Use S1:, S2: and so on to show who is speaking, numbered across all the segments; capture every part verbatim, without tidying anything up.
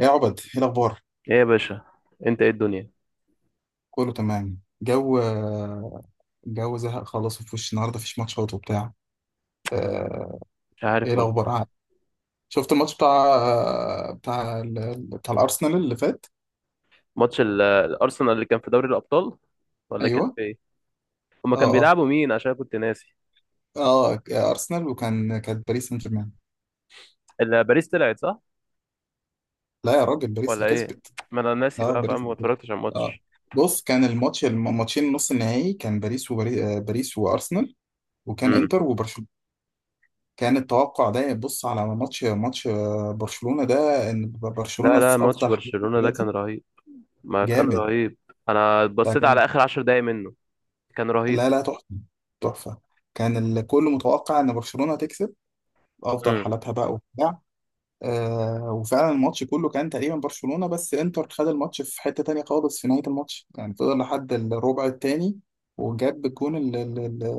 S1: ايه يا عبد؟ ايه الاخبار؟
S2: ايه يا باشا؟ انت ايه الدنيا؟
S1: كله تمام جو. جو زهق خلاص، وفي وش النهارده مفيش ماتشات وبتاع. آه،
S2: مش
S1: ايه
S2: عارف والله.
S1: الاخبار عاد؟ شفت الماتش بتاع بتاع ال- بتاع الارسنال اللي فات؟
S2: ماتش ال- الارسنال اللي كان في دوري الابطال ولا كان
S1: ايوه.
S2: في ايه؟ هما كان
S1: اه،
S2: بيلعبوا مين؟ عشان أنا كنت ناسي.
S1: اه، اه، ارسنال، وكان كانت باريس سان جيرمان.
S2: ال- باريس طلعت صح
S1: لا يا راجل، باريس
S2: ولا
S1: اللي
S2: ايه؟
S1: كسبت.
S2: ما انا ناسي
S1: اه،
S2: بقى
S1: باريس
S2: فاهم، ما
S1: اللي كسبت.
S2: اتفرجتش على
S1: اه،
S2: الماتش.
S1: بص، كان الماتش، الماتشين نص النهائي، كان باريس وباريس باريس وارسنال، وكان
S2: امم
S1: انتر وبرشلونه. كان التوقع ده، بص على ماتش ماتش برشلونة ده، ان
S2: لا
S1: برشلونة
S2: لا،
S1: في
S2: ماتش
S1: افضل حالته
S2: برشلونة ده كان
S1: دلوقتي.
S2: رهيب. ما كان
S1: جامد.
S2: رهيب؟ انا بصيت
S1: فكان.
S2: على اخر عشر دقايق منه، كان رهيب.
S1: لا لا، تحفة. تحفة. كان الكل متوقع ان برشلونة تكسب، افضل
S2: امم
S1: حالاتها بقى وبتاع. آه، وفعلا الماتش كله كان تقريبا برشلونة، بس انتر خد الماتش في حتة تانية خالص في نهاية الماتش، يعني فضل لحد الربع التاني وجاب الجون اللي, اللي,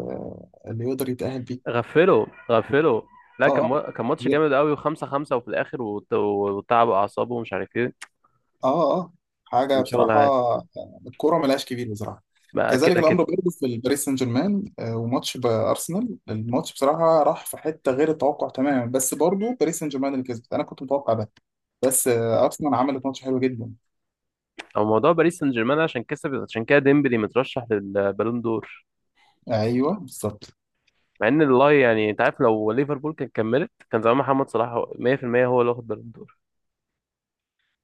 S1: اللي يقدر يتأهل بيه.
S2: غفله غفله. لا،
S1: اه،
S2: كان
S1: اه،
S2: مو- كان ماتش جامد قوي وخمسة خمسة، وفي الاخر وت- وتعبوا اعصابه ومش عارف ايه.
S1: اه، اه، حاجه
S2: كان شغل
S1: بصراحه.
S2: عادي.
S1: آه، الكوره ملهاش كبير بصراحه.
S2: بقى
S1: كذلك
S2: كده
S1: الامر
S2: كده.
S1: برضه في الباريس سان جيرمان، آه، وماتش بارسنال، الماتش بصراحه راح في حته غير التوقع تماما، بس برضه باريس سان جيرمان اللي كسبت، انا كنت متوقع ده. بس آه، ارسنال عملت ماتش حلو جدا.
S2: هو موضوع باريس سان جيرمان عشان كسب، عشان كده ديمبلي مترشح للبالون دور،
S1: ايوه بالظبط.
S2: مع ان والله يعني انت عارف لو ليفربول كانت كملت كان زمان محمد صلاح هو- مية في المية هو اللي واخد بالون دور.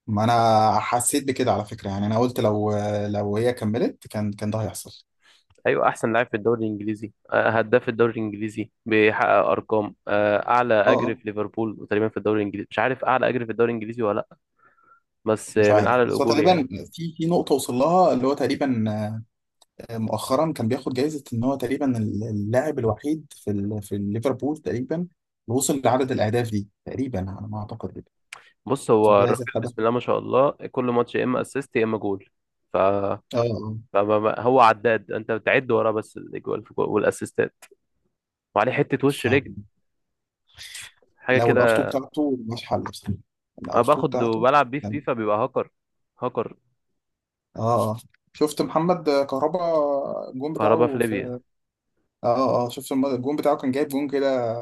S1: ما انا حسيت بكده على فكره، يعني انا قلت لو آه، لو هي كملت كان كان ده هيحصل.
S2: ايوه، احسن لاعب في الدوري الانجليزي، آه، هداف الدوري الانجليزي، بيحقق ارقام، آه، اعلى
S1: اه،
S2: اجر في
S1: اه.
S2: ليفربول تقريبا، في الدوري الانجليزي مش عارف اعلى اجر في الدوري الانجليزي ولا لا. بس
S1: مش
S2: آه، من
S1: عارف،
S2: اعلى
S1: بس هو
S2: الاجور يعني.
S1: تقريبا في في نقطه وصل لها، اللي هو تقريبا مؤخرا كان بياخد جايزة ان هو تقريبا اللاعب الوحيد في ال... في ليفربول تقريبا اللي وصل لعدد الاهداف دي، تقريبا على ما اعتقد كده.
S2: بص،
S1: في
S2: هو الراجل
S1: جائزة خدها.
S2: بسم الله ما شاء الله كل ماتش يا اما اسيست يا اما جول. ف
S1: اه، آه.
S2: فما- هو عداد انت بتعد وراه بس الاجوال والاسيستات، وعليه حته وش
S1: فلو
S2: رجل، حاجه
S1: الار اتنين
S2: كده.
S1: بتاعته مش حل بصراحة.
S2: انا
S1: الار اتنين
S2: باخد
S1: بتاعته
S2: وبلعب بيه في
S1: كان-.
S2: فيفا بيبقى هاكر، هاكر.
S1: اه، اه. شفت محمد كهربا؟ الجون
S2: كهربا في
S1: بتاعه
S2: ليبيا،
S1: في. اه، اه، آه. شفت الم- الجون بتاعه كان جايب جون كده،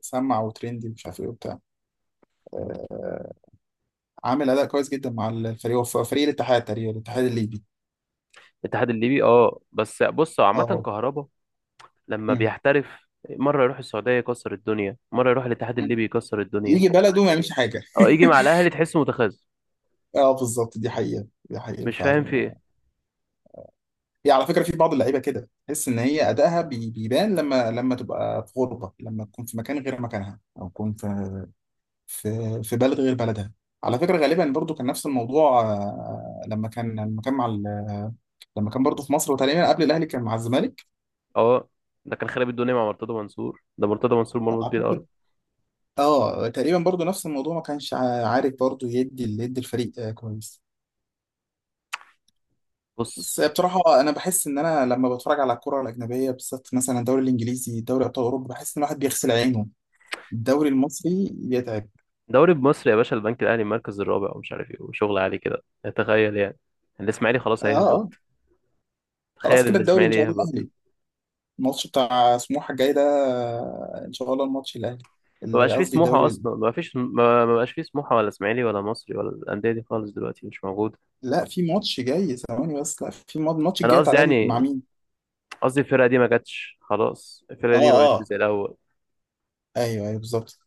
S1: سمع وترندي مش عارف ايه وبتاع. آه، عامل اداء كويس جدا مع الفريق، هو فريق الاتحاد تقريبا، الاتحاد الليبي.
S2: الاتحاد الليبي. اه بس بص، هو عامه
S1: اه.
S2: كهربا لما بيحترف، مره يروح السعوديه يكسر الدنيا، مره يروح الاتحاد
S1: مم.
S2: الليبي يكسر الدنيا،
S1: يجي بلده وما يعملش حاجه.
S2: او يجي مع الاهلي تحسه متخاذل.
S1: اه بالظبط، دي حقيقه، دي حقيقه
S2: مش فاهم في
S1: فعلا.
S2: ايه.
S1: هي على فكره في بعض اللعيبه كده تحس ان هي ادائها بي- بيبان لما لما تبقى في غربه، لما تكون في مكان غير مكانها، او تكون في في في بلد غير بلدها. على فكره غالبا برضو كان نفس الموضوع، آه، لما كان لما كان مع ال- لما كان برضو في مصر وتقريبا قبل الاهلي كان مع الزمالك.
S2: اه، ده كان خرب الدنيا مع مرتضى منصور، ده مرتضى منصور مرمط بيه الارض.
S1: اعتقد اه تقريبا برضو نفس الموضوع، ما كانش ع- عارف برضو يدي يدي الفريق آه، كويس. بس
S2: بص،
S1: بصراحة أنا بحس إن أنا لما بتفرج على الكرة الأجنبية بالذات، مثلا الدوري الإنجليزي، دوري أبطال أوروبا، بحس إن الواحد بيغسل عينه، الدوري المصري يتعب.
S2: دوري بمصر يا باشا، البنك الاهلي المركز الرابع ومش عارف ايه وشغل عالي كده. تخيل يعني الاسماعيلي خلاص
S1: آه، آه.
S2: هيهبط.
S1: خلاص
S2: تخيل
S1: كده الدوري إن
S2: الاسماعيلي
S1: شاء الله
S2: يهبط.
S1: الأهلي. الماتش بتاع سموحة الجاي ده، آه، إن شاء الله الماتش الأهلي،
S2: ما
S1: اللي
S2: بقاش فيه
S1: قصدي
S2: سموحة
S1: الدوري.
S2: أصلا، ما فيش، ما ما بقاش فيه سموحة ولا إسماعيلي ولا مصري ولا الأندية دي خالص دلوقتي مش موجودة.
S1: لا في ماتش جاي ثواني، بس لا في ماتش، الماتش
S2: أنا
S1: الجاي بتاع
S2: قصدي
S1: الأهلي مع
S2: يعني،
S1: مين؟
S2: قصدي الفرقة دي ما جاتش، خلاص الفرقة
S1: آه،
S2: دي ما بقتش
S1: آه،
S2: زي الأول.
S1: أيوه، أيوه بالظبط.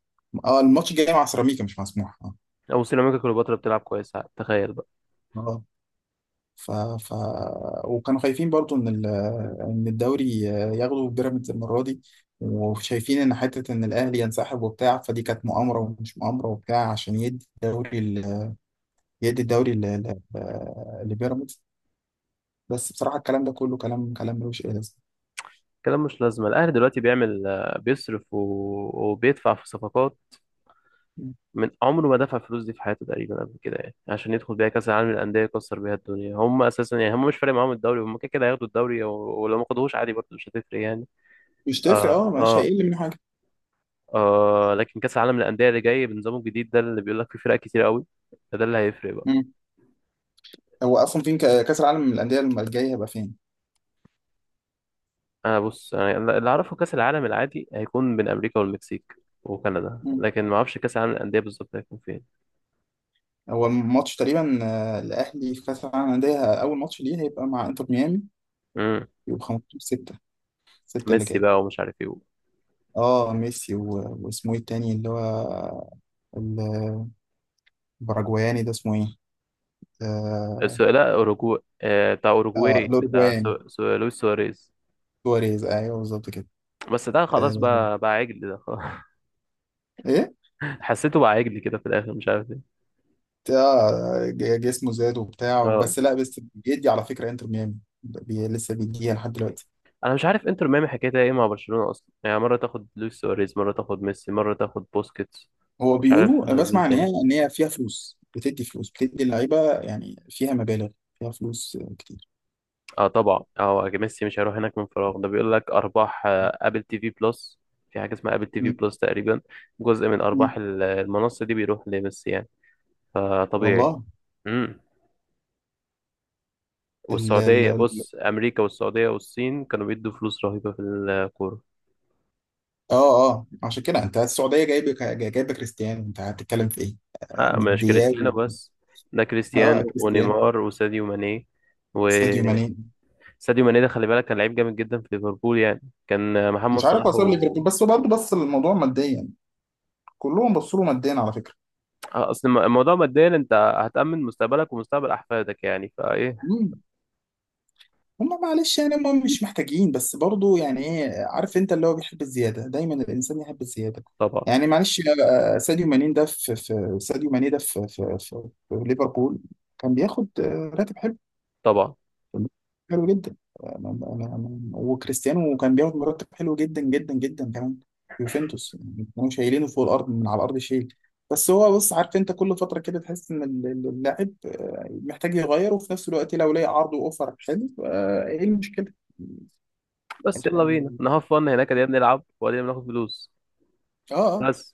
S1: آه الماتش الجاي مع سيراميكا، مش مع سموحة. آه.
S2: أو سيراميكا كليوباترا بتلعب كويس، تخيل بقى.
S1: آه. ف... ف... وكانوا خايفين برضو ان ال... ان الدوري ياخدوا بيراميدز المره دي، وشايفين ان حته ان الاهلي ينسحب وبتاع، فدي كانت مؤامره ومش مؤامره وبتاع عشان يدي الدوري ال... يدي الدوري ل... ل... لبيراميدز. بس بصراحه الكلام ده كله كلام كلام ملوش اي لازمه.
S2: كلام مش لازمة. الأهلي دلوقتي بيعمل، آه، بيصرف و... وبيدفع في صفقات من عمره ما دفع الفلوس دي في حياته تقريبا قبل كده، يعني عشان يدخل بيها كأس العالم للأندية يكسر بيها الدنيا. هم أساسا يعني هم مش فارق معاهم الدوري، هم كده كده هياخدوا الدوري، و- ولو ما خدوهوش عادي برضه مش هتفرق يعني.
S1: مش تفرق،
S2: اه
S1: اه مش
S2: اه.
S1: هيقل من حاجه.
S2: آه، لكن كأس العالم للأندية اللي جاي بنظامه الجديد ده اللي بيقول لك فيه فرق كتير قوي، ده اللي هيفرق بقى.
S1: مم. هو اصلا فين ك- كاس العالم للانديه الجاي هيبقى فين؟
S2: انا بص، انا اللي اعرفه كأس العالم العادي هيكون بين امريكا والمكسيك وكندا،
S1: مم.
S2: لكن ما اعرفش كأس العالم للأندية بالظبط هيكون فين.
S1: هو الماتش تقريبا آه، الاهلي في كاس العالم للانديه، اول ماتش ليه هيبقى مع انتر ميامي.
S2: امم
S1: يبقى خمسة عشر ستة، ستة اللي
S2: ميسي
S1: جاي.
S2: بقى ومش عارف ايه.
S1: اه ميسي و... واسمه ايه التاني اللي هو الباراجواياني ده اسمه ايه؟ اه.
S2: الس- لا، اوروجواي، آه بتاع
S1: آه،
S2: اوروجواي، بتاع
S1: الاوروجواياني،
S2: سو... سو... لويس سواريز.
S1: سواريز ايوه بالظبط كده.
S2: بس ده خلاص،
S1: آه.
S2: بقى بقى عجل، ده خلاص.
S1: ايه؟
S2: حسيته بقى عجل كده في الاخر، مش عارف ايه.
S1: آه ج- جسمه زاد وبتاع،
S2: اه،
S1: بس لا بس بيدي على فكره انتر ميامي بي... لسه بيديها لحد دلوقتي.
S2: انا مش عارف انتر ميامي حكايتها ايه مع برشلونة اصلا، يعني مرة تاخد لويس سواريز، مرة تاخد ميسي، مرة تاخد بوسكيتس.
S1: هو
S2: مش عارف
S1: بيقولوا،
S2: هذا
S1: أنا
S2: مين
S1: بسمع ان هي
S2: تاني.
S1: ان هي فيها فلوس، بتدي فلوس، بتدي اللعيبه يعني فيها مبالغ، فيها فلوس آه، كتير.
S2: اه طبعا، اه ميسي مش هيروح هناك من فراغ، ده بيقول لك ارباح آه، ابل تي في بلس، في حاجة اسمها ابل تي في
S1: م-
S2: بلس تقريبا، جزء من ارباح
S1: م-
S2: ال- المنصة دي بيروح لميسي يعني، فطبيعي.
S1: والله.
S2: امم والسعودية، بص امريكا والسعودية والصين كانوا بيدوا فلوس رهيبة في الكورة.
S1: اه، اه. عشان كده انت السعوديه جايبه جايبه كريستيانو، انت هتتكلم في ايه؟ آه،
S2: آه،
S1: من
S2: مش
S1: دياو.
S2: كريستيانو بس، ده
S1: اه
S2: كريستيانو
S1: كريستيانو،
S2: ونيمار وساديو ماني.
S1: ساديو ماني.
S2: ساديو ماني ده خلي بالك كان لعيب جامد جدا في ليفربول يعني، كان محمد
S1: مش عارف
S2: صلاح
S1: اسباب
S2: و...
S1: ليفربول، بس هو برضه بص للموضوع ماديا، كلهم بصوا له ماديا على فكره.
S2: آه، اصل الم- الموضوع ماديا انت هتأمن مستقبلك ومستقبل احفادك يعني، فايه؟
S1: مم. هم معلش يعني هم مش محتاجين، بس برضه يعني ايه، عارف انت اللي هو بيحب الزياده، دايما الانسان يحب الزياده.
S2: طبعا
S1: يعني معلش، آه، آه، ساديو ماني ده في في ساديو ماني ده في في في, في ليفربول كان بياخد آه، راتب حلو،
S2: طبعا.
S1: حلو جدا. أنا أنا أنا وكريستيانو كان بياخد مرتب حلو جدا جدا جدا كمان في يوفنتوس، يعني كانوا شايلينه فوق الارض من على الارض شيل. بس هو بص، عارف انت كل فتره كده تحس ان ال- ال- اللاعب آه، محتاج يغير، وفي نفس الوقت لو لقى عرض واوفر حلو، آه، ايه المشكله؟
S2: بس
S1: الح-
S2: يلا بينا
S1: ال-
S2: انا هفن هناك، يا بنلعب وبعدين بناخد فلوس
S1: اه، اه.
S2: بس،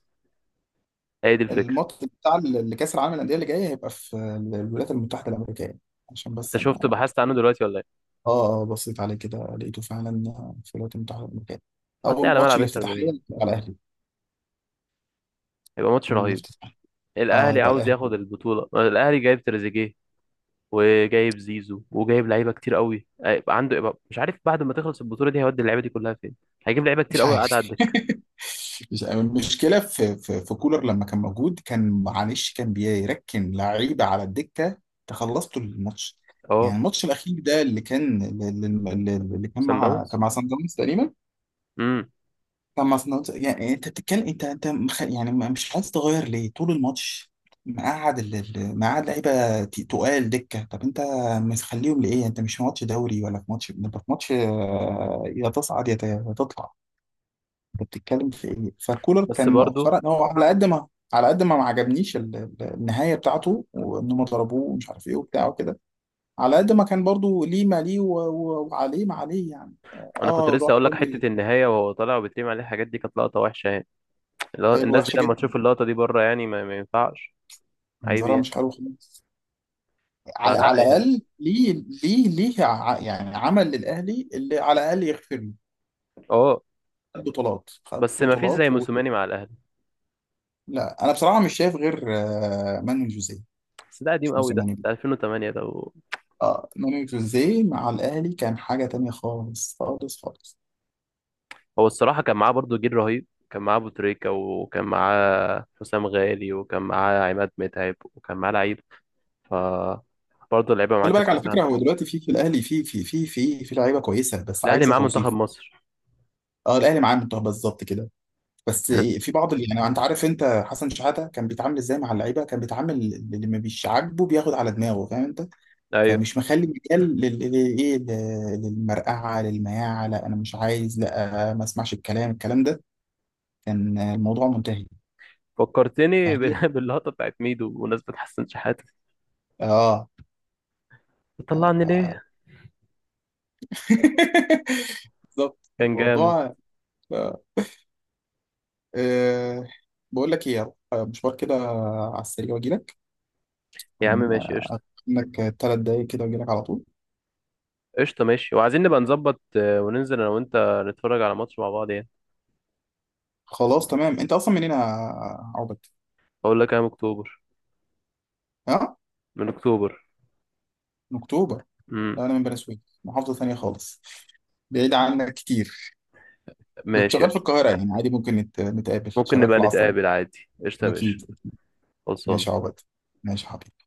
S2: هي دي الفكره.
S1: الماتش بتاع ال- اللي كاس العالم للانديه اللي جاي هيبقى في ال- الولايات المتحده الامريكيه، عشان
S2: انت
S1: بس
S2: شفت
S1: انا.
S2: بحثت عنه دلوقتي ولا ايه؟
S1: اه، اه، بصيت عليه كده لقيته فعلا في الولايات المتحده الامريكيه.
S2: هتلاقي
S1: اول
S2: على
S1: ماتش
S2: ملعب انتر
S1: الافتتاحيه
S2: ميامي،
S1: على الاهلي.
S2: هيبقى ماتش رهيب.
S1: الافتتاح. اه
S2: الاهلي
S1: يبقى
S2: عاوز ياخد
S1: الاهلي.
S2: البطوله، الاهلي جايب تريزيجيه وجايب زيزو وجايب لعيبه كتير قوي هيبقى عنده، يبقى مش عارف بعد ما تخلص البطوله دي هيودي اللعيبه دي كلها فين. هيجيب لعيبه كتير
S1: مش
S2: قوي قاعده على
S1: عارف.
S2: الدكه.
S1: مش عارف. المشكله في في في كولر لما كان موجود، كان معلش كان بيركن لعيبه على الدكه. تخلصته الماتش، يعني
S2: اه،
S1: الماتش الاخير ده اللي كان اللي اللي- اللي كان
S2: سان
S1: مع
S2: داونز.
S1: كان مع سان داونز تقريبا،
S2: امم
S1: كان مصنوع. يعني انت بتتكلم، انت انت مخ... يعني ما- مش عايز تغير ليه طول الماتش؟ مقعد ال... ال- مقعد لعيبه ت- تقال دكه، طب انت مخليهم لايه؟ انت مش في ماتش دوري، ولا في ماتش، انت في ماتش آه، يا تصعد، يا ت- يا تطلع. انت بتتكلم في ايه؟ فكولر
S2: بس
S1: كان
S2: برضو،
S1: مؤخرا هو على قد ما، على قد ما ما عجبنيش ال- ال- النهايه بتاعته وانهم ضربوه ومش عارف ايه وبتاع وكده، على قد ما كان برضو ليه ما ليه و- و- وعليه ما عليه يعني.
S2: انا كنت
S1: اه
S2: لسه
S1: روح
S2: اقول لك
S1: راجل.
S2: حته النهايه وهو طالع وبيترمي عليه الحاجات دي، كانت لقطه وحشه يعني. اللي هو
S1: حلو،
S2: الناس دي
S1: وحشه
S2: لما
S1: جدا،
S2: تشوف اللقطه دي بره، يعني ما, ما ينفعش. عيب
S1: منظرها
S2: يعني.
S1: مش حلو خالص. ع-
S2: فلا
S1: على
S2: يعني.
S1: الاقل ليه، ليه ليه ع- يعني عمل للاهلي اللي على الاقل يغفر له،
S2: اه،
S1: خد بطولات، خد
S2: بس ما فيش زي
S1: بطولات و...
S2: موسوماني مع الاهلي.
S1: لا انا بصراحه مش شايف غير آه، مانويل جوزيه.
S2: بس ده
S1: مش
S2: قديم قوي،
S1: موسى
S2: ده
S1: مانويل.
S2: ده ألفين وثمانية ده و...
S1: اه مانويل جوزيه مع الاهلي كان حاجه تانية خالص خالص خالص.
S2: هو الصراحه كان معاه برضو جيل رهيب، كان معاه ابو تريكه وكان معاه حسام غالي وكان معاه عماد متعب وكان معاه لعيب. ف برضه اللعيبه معاه
S1: خلي بالك
S2: كانت
S1: على فكره،
S2: مساعدة،
S1: هو دلوقتي في في الاهلي في في في في في لعيبه كويسه بس
S2: الاهلي
S1: عايزه
S2: معاه منتخب
S1: توظيف.
S2: مصر.
S1: اه الاهلي معاه منتخب بالظبط كده. بس في بعض اللي يعني انت عارف، انت حسن شحاته كان بيتعامل ازاي مع اللعيبه؟ كان بيتعامل اللي ما بيش عاجبه بياخد على دماغه، فاهم انت؟
S2: ايوه،
S1: فمش مخلي مجال لل- للايه، لل- للمرقعه، للمياعه، لا انا مش عايز، لا ما اسمعش الكلام، الكلام ده كان الموضوع منتهي.
S2: فكرتني
S1: فهي
S2: بال- باللقطة بتاعت ميدو بمناسبة حسن شحاتة،
S1: اه ف-
S2: بتطلعني
S1: ف-
S2: ليه؟
S1: بالظبط
S2: كان جامد.
S1: الموضوع. آه. بقول لك ايه، يلا، آه، مشوار كده على السريع واجي لك،
S2: يا عم
S1: يعني
S2: ماشي قشطة.
S1: انك ثلاث دقايق كده واجي لك على طول.
S2: قشطة ماشي، وعايزين نبقى نظبط آه، وننزل أنا وأنت نتفرج على ماتش مع بعض يعني.
S1: خلاص تمام. انت اصلا منين يا عبد؟
S2: أقول لك أيام أكتوبر،
S1: اه
S2: من أكتوبر.
S1: من اكتوبر.
S2: امم
S1: لا انا من بني سويف، محافظه ثانيه خالص، بعيد عنك كتير. كنت
S2: ماشي
S1: شغال في
S2: قشطة.
S1: القاهرة، يعني عادي ممكن نت- نتقابل،
S2: ممكن
S1: شغال في
S2: نبقى
S1: العاصمة.
S2: نتقابل عادي، قشطة يا باشا،
S1: أكيد.
S2: خلصانة.
S1: ماشي يا عبد، ماشي يا حبيبي.